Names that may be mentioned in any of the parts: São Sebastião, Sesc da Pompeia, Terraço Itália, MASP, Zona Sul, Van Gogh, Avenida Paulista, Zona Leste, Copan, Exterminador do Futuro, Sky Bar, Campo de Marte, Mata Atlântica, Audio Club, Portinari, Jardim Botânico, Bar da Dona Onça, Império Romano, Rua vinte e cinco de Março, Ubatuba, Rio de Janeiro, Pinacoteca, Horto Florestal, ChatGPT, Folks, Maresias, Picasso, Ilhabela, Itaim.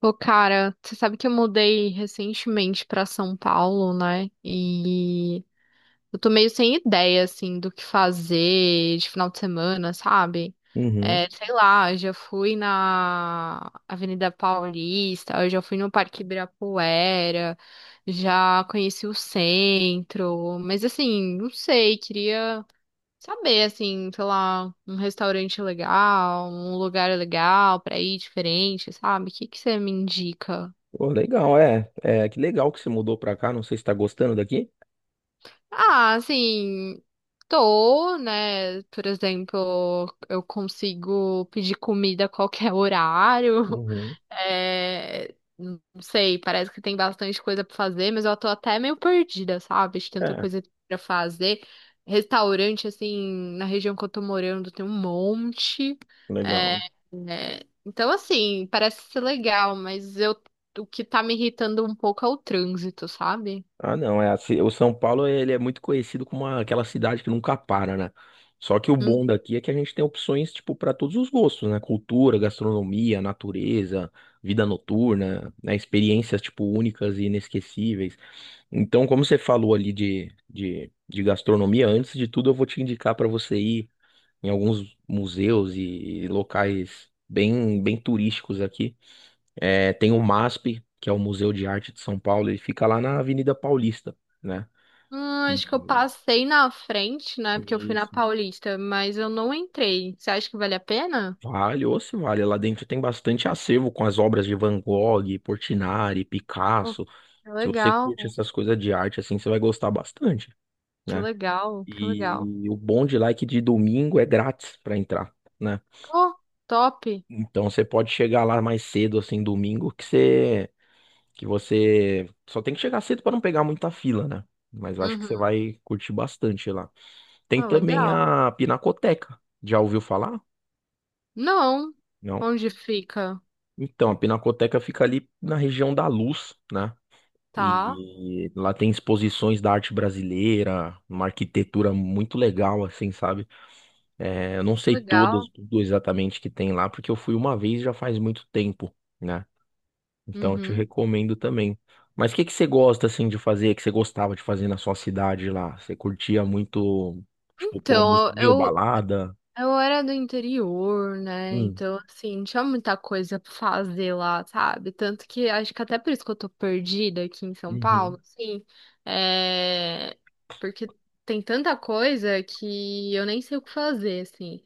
Pô, cara, você sabe que eu mudei recentemente pra São Paulo, né? E eu tô meio sem ideia, assim, do que fazer de final de semana, sabe? Uhum. É, sei lá, eu já fui na Avenida Paulista, eu já fui no Parque Ibirapuera, já conheci o centro, mas assim, não sei, queria saber, assim, sei lá, um restaurante legal, um lugar legal pra ir diferente, sabe? O que que você me indica? Pô, legal, é. É, que legal que você mudou pra cá. Não sei se tá gostando daqui. Ah, assim, tô, né? Por exemplo, eu consigo pedir comida a qualquer horário. Uhum. É, não sei, parece que tem bastante coisa pra fazer, mas eu tô até meio perdida, sabe? De tanta É, coisa pra fazer. Restaurante, assim, na região que eu tô morando tem um monte. É, legal. é, então, assim, parece ser legal, mas eu, o que tá me irritando um pouco é o trânsito, sabe? Ah, não, é assim, o São Paulo ele é muito conhecido como aquela cidade que nunca para, né? Só que o bom daqui é que a gente tem opções tipo para todos os gostos, né? Cultura, gastronomia, natureza, vida noturna, né? Experiências tipo únicas e inesquecíveis. Então, como você falou ali de gastronomia, antes de tudo eu vou te indicar para você ir em alguns museus e locais bem turísticos aqui. É, tem o MASP, que é o Museu de Arte de São Paulo, ele fica lá na Avenida Paulista, né? Ah, E acho que eu passei na frente, né? Porque eu e fui na isso. Paulista, mas eu não entrei. Você acha que vale a pena? Vale, ou se vale. Lá dentro tem bastante acervo com as obras de Van Gogh, Portinari, Oh, Picasso. que Se você legal, curte essas coisas de arte, assim, você vai gostar bastante, que né? legal, que legal. E o bom de lá é que de domingo é grátis para entrar, né? Oh, top. Então você pode chegar lá mais cedo, assim, domingo, que você só tem que chegar cedo para não pegar muita fila, né? Mas eu acho que você Uhum. vai curtir bastante lá. Tem Ah, também legal. a Pinacoteca. Já ouviu falar? Não. Não. Onde fica? Então, a Pinacoteca fica ali na região da Luz, né? Tá. E lá tem exposições da arte brasileira, uma arquitetura muito legal, assim, sabe? É, eu não sei todas, Legal. tudo exatamente que tem lá, porque eu fui uma vez já faz muito tempo, né? Então, eu te Uhum. recomendo também. Mas o que que você gosta assim de fazer, que você gostava de fazer na sua cidade lá? Você curtia muito, tipo, pô, Então, museu, eu, balada? Eu era do interior, né? Hum, Então, assim, não tinha muita coisa pra fazer lá, sabe? Tanto que acho que até por isso que eu tô perdida aqui em São Paulo, uhum, assim, é... porque tem tanta coisa que eu nem sei o que fazer, assim.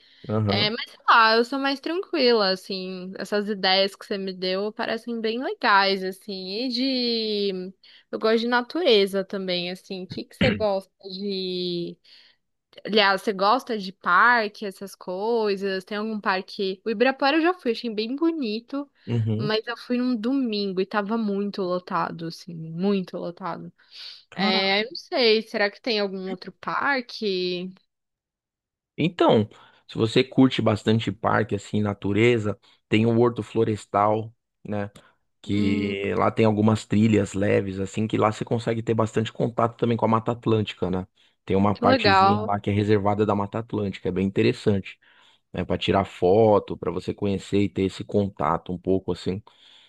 É, aham, mas sei lá, eu sou mais tranquila, assim, essas ideias que você me deu parecem bem legais, assim, e de... Eu gosto de natureza também, assim, o que que você gosta de... Aliás, você gosta de parque, essas coisas? Tem algum parque? O Ibirapuera eu já fui, achei bem bonito, uhum. mas eu fui num domingo e tava muito lotado, assim, muito lotado. Cara, É, eu não sei, será que tem algum outro parque? então, se você curte bastante parque assim, natureza, tem o Horto Florestal, né? Hum, Que lá tem algumas trilhas leves assim, que lá você consegue ter bastante contato também com a Mata Atlântica, né? Tem uma que partezinha legal. lá que é reservada da Mata Atlântica, é bem interessante. Né, para tirar foto, para você conhecer e ter esse contato um pouco assim.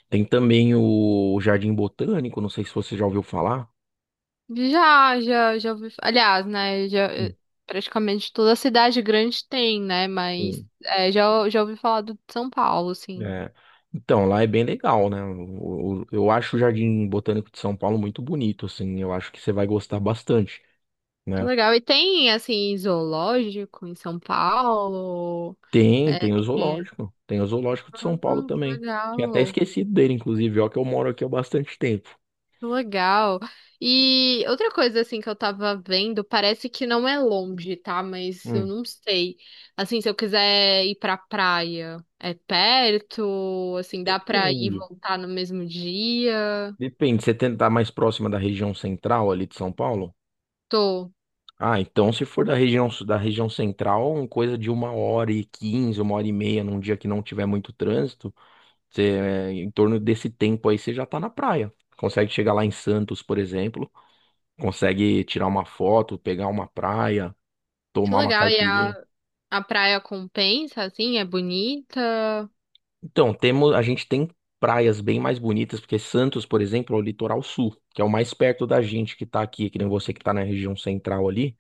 Tem também o Jardim Botânico, não sei se você já ouviu falar. Já, já, já ouvi. Aliás, né, já, Hum, praticamente toda cidade grande tem, né, mas Sim. é, já, já ouvi falar do de São Paulo, É. assim. É, então, lá é bem legal, né? Eu acho o Jardim Botânico de São Paulo muito bonito, assim, eu acho que você vai gostar bastante, Que né? legal. E tem, assim, zoológico em São Paulo? Tem, É. tem o É. zoológico, tem o zoológico de São Paulo Ah, que também. Tinha até legal. esquecido dele, inclusive, ó, que eu moro aqui há bastante tempo. Que legal. E outra coisa, assim, que eu tava vendo, parece que não é longe, tá? Mas eu Hum. não sei. Assim, se eu quiser ir pra praia, é perto? Assim, dá pra ir e Depende. voltar no mesmo dia? Depende, você tentar mais próxima da região central ali de São Paulo? Tô. Ah, então se for da da região central, uma coisa de uma hora e quinze, uma hora e meia, num dia que não tiver muito trânsito, você, é, em torno desse tempo aí você já tá na praia. Consegue chegar lá em Santos, por exemplo, consegue tirar uma foto, pegar uma praia, Que tomar uma legal. E caipirinha. A praia compensa, assim, é bonita? Então, temos, a gente tem praias bem mais bonitas, porque Santos, por exemplo, é o litoral sul, que é o mais perto da gente que tá aqui, que nem você que tá na região central ali.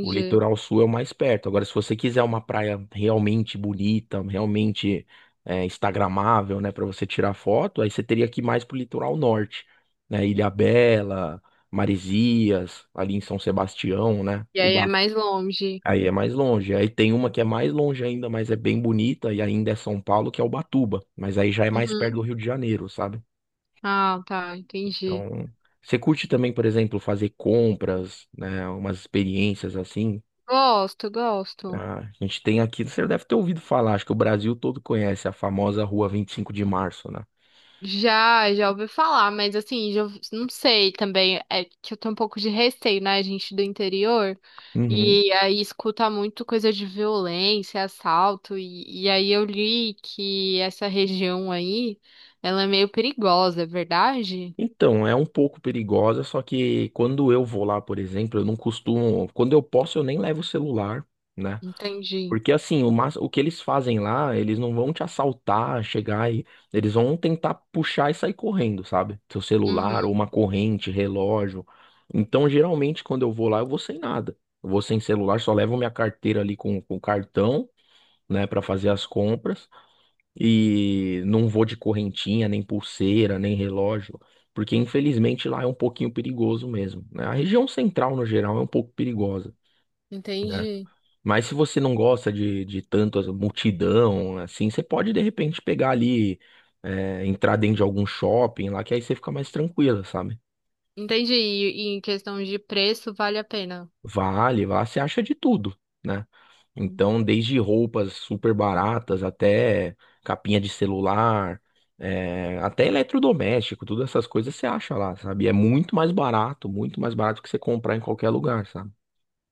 O litoral sul é o mais perto. Agora, se você quiser uma praia realmente bonita, realmente é, instagramável, né, para você tirar foto, aí você teria que ir mais pro litoral norte, né? Ilhabela, Maresias, ali em São Sebastião, né? E aí é mais longe. Aí é mais longe. Aí tem uma que é mais longe ainda, mas é bem bonita e ainda é São Paulo, que é Ubatuba, mas aí já é mais perto do Uhum. Rio de Janeiro, sabe? Ah, tá, entendi. Então, você curte também, por exemplo, fazer compras, né, umas experiências assim? Gosto, gosto. Ah, a gente tem aqui, você deve ter ouvido falar, acho que o Brasil todo conhece a famosa Rua 25 de Março, né? Já, já ouvi falar, mas assim, já, não sei também. É que eu tenho um pouco de receio, né, gente do interior. Uhum. E aí escuta muito coisa de violência, assalto. E, aí eu li que essa região aí, ela é meio perigosa, é verdade? Então, é um pouco perigosa, só que quando eu vou lá, por exemplo, eu não costumo. Quando eu posso, eu nem levo o celular, né? Entendi. Porque assim, o que eles fazem lá, eles não vão te assaltar, chegar e. Eles vão tentar puxar e sair correndo, sabe? Seu celular, Uhum, ou uma corrente, relógio. Então, geralmente, quando eu vou lá, eu vou sem nada. Eu vou sem celular, só levo minha carteira ali com cartão, né, para fazer as compras e não vou de correntinha, nem pulseira, nem relógio, porque infelizmente lá é um pouquinho perigoso mesmo, né? A região central no geral é um pouco perigosa, né? entendi. Mas se você não gosta de multidão, assim, você pode de repente pegar ali, é, entrar dentro de algum shopping lá, que aí você fica mais tranquila, sabe? Entendi. E, em questão de preço, vale a pena. Vale, lá você acha de tudo, né? Então, desde roupas super baratas até capinha de celular, é, até eletrodoméstico, todas essas coisas você acha lá, sabe? E é muito mais barato que você comprar em qualquer lugar, sabe?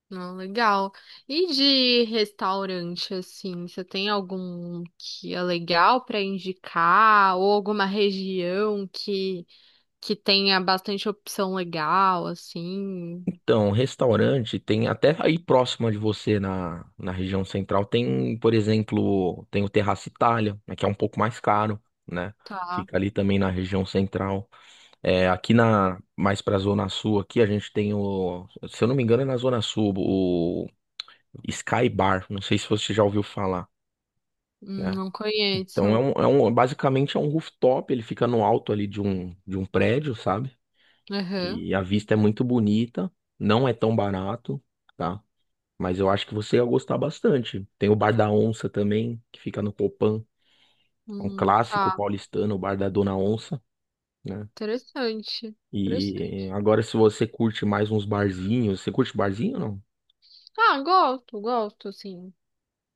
Não, legal. E de restaurante, assim, você tem algum que é legal para indicar ou alguma região que tenha bastante opção legal, assim? Então, restaurante tem até aí próximo de você na região central tem, por exemplo, tem o Terraço Itália, né, que é um pouco mais caro, né? Tá. Fica ali também na região central. É, aqui na mais pra Zona Sul aqui a gente tem o, se eu não me engano é na Zona Sul, o Sky Bar, não sei se você já ouviu falar, né? não Então é conheço. Basicamente é um rooftop, ele fica no alto ali de um prédio, sabe? Aham. E a vista é muito bonita, não é tão barato, tá? Mas eu acho que você ia gostar bastante. Tem o Bar da Onça também, que fica no Copan, é um clássico Tá. paulistano, o Bar da Dona Onça, né. Interessante. E Interessante. agora, se você curte mais uns barzinhos, você curte barzinho ou não? Ah, gosto, gosto, assim.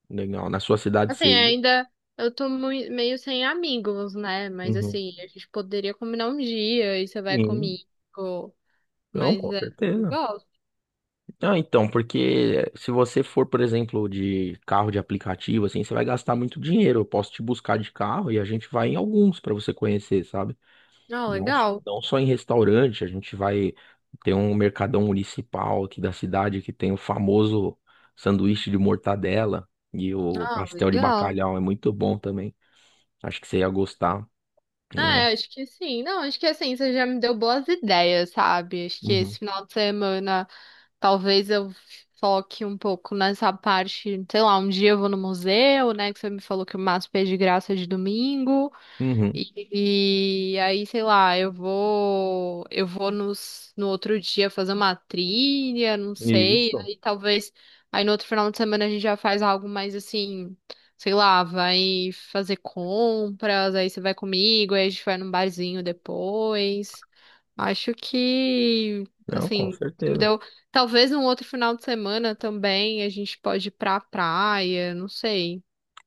Legal, na sua cidade você Assim, ia? ainda eu tô meio sem amigos, né? Mas Uhum. assim, a gente poderia combinar um dia e você vai Sim, comigo. não, Mas com é, eu certeza. gosto. Ah, então, porque se você for, por exemplo, de carro de aplicativo, assim, você vai gastar muito dinheiro. Eu posso te buscar de carro e a gente vai em alguns para você conhecer, sabe? Ah, Não, legal. não só em restaurante, a gente vai ter um mercadão municipal aqui da cidade que tem o famoso sanduíche de mortadela e o Ah, pastel de legal. bacalhau, é muito bom também. Acho que você ia gostar, né? É, acho que sim. Não, acho que assim, você já me deu boas ideias, sabe? Acho que Uhum. esse final de semana talvez eu foque um pouco nessa parte, sei lá, um dia eu vou no museu, né? Que você me falou que o MASP é de graça de domingo. Uhum. E, aí, sei lá, eu vou no outro dia fazer uma trilha, não sei, Isso. aí talvez, aí no outro final de semana a gente já faz algo mais assim, sei lá, vai fazer compras, aí você vai comigo, aí a gente vai num barzinho depois. Acho que, Não, com assim, você me certeza. deu, talvez no outro final de semana também a gente pode ir pra praia, não sei.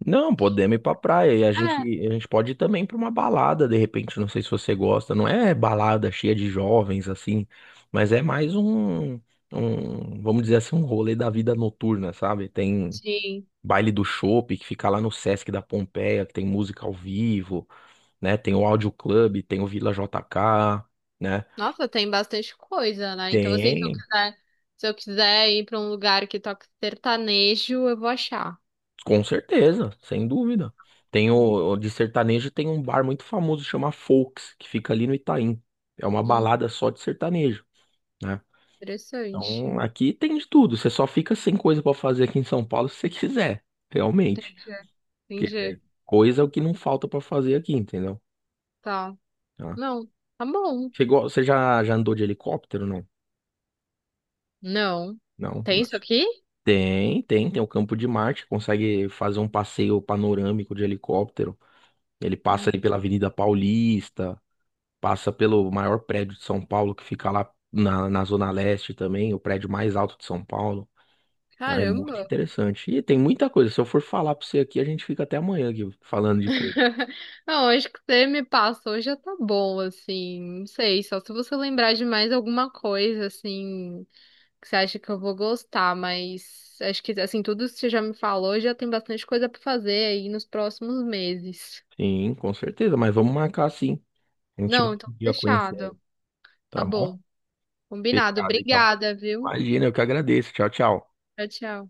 Não, podemos ir pra praia e É, a gente pode ir também pra uma balada, de repente, não sei se você gosta, não é balada cheia de jovens assim, mas é mais vamos dizer assim, um rolê da vida noturna, sabe? Tem sim. baile do chopp que fica lá no Sesc da Pompeia, que tem música ao vivo, né? Tem o Audio Club, tem o Vila JK, né? Nossa, tem bastante coisa, né? Então, assim, Tem. Se eu quiser ir pra um lugar que toca sertanejo, eu vou achar. Com certeza, sem dúvida. Tem o, Hum, de sertanejo tem um bar muito famoso chama Folks, que fica ali no Itaim. É uma hum, balada só de sertanejo, né? interessante. Então aqui tem de tudo. Você só fica sem coisa pra fazer aqui em São Paulo se você quiser, realmente. Entendi, Porque é entendi. coisa é o que não falta pra fazer aqui, entendeu? Tá. Tá. Não, tá bom. Chegou, você já andou de helicóptero, não? Não. Não, Tem não. isso aqui? Tem o Campo de Marte, consegue fazer um passeio panorâmico de helicóptero. Ele passa Hum, ali pela Avenida Paulista, passa pelo maior prédio de São Paulo, que fica lá na Zona Leste também, o prédio mais alto de São Paulo. Ah, é muito Caramba. interessante. E tem muita coisa. Se eu for falar pra você aqui, a gente fica até amanhã aqui falando de coisa. Não, acho que você me passou já tá bom, assim. Não sei, só se você lembrar de mais alguma coisa, assim, que você acha que eu vou gostar, mas acho que assim, tudo que você já me falou já tem bastante coisa pra fazer aí nos próximos meses. Sim, com certeza, mas vamos marcar sim. A gente vai Não, então um dia conhecer aí, fechado. Tá tá bom? bom. Combinado. Fechado, então. Obrigada, viu? Imagina, eu que agradeço. Tchau, tchau. Tchau, tchau.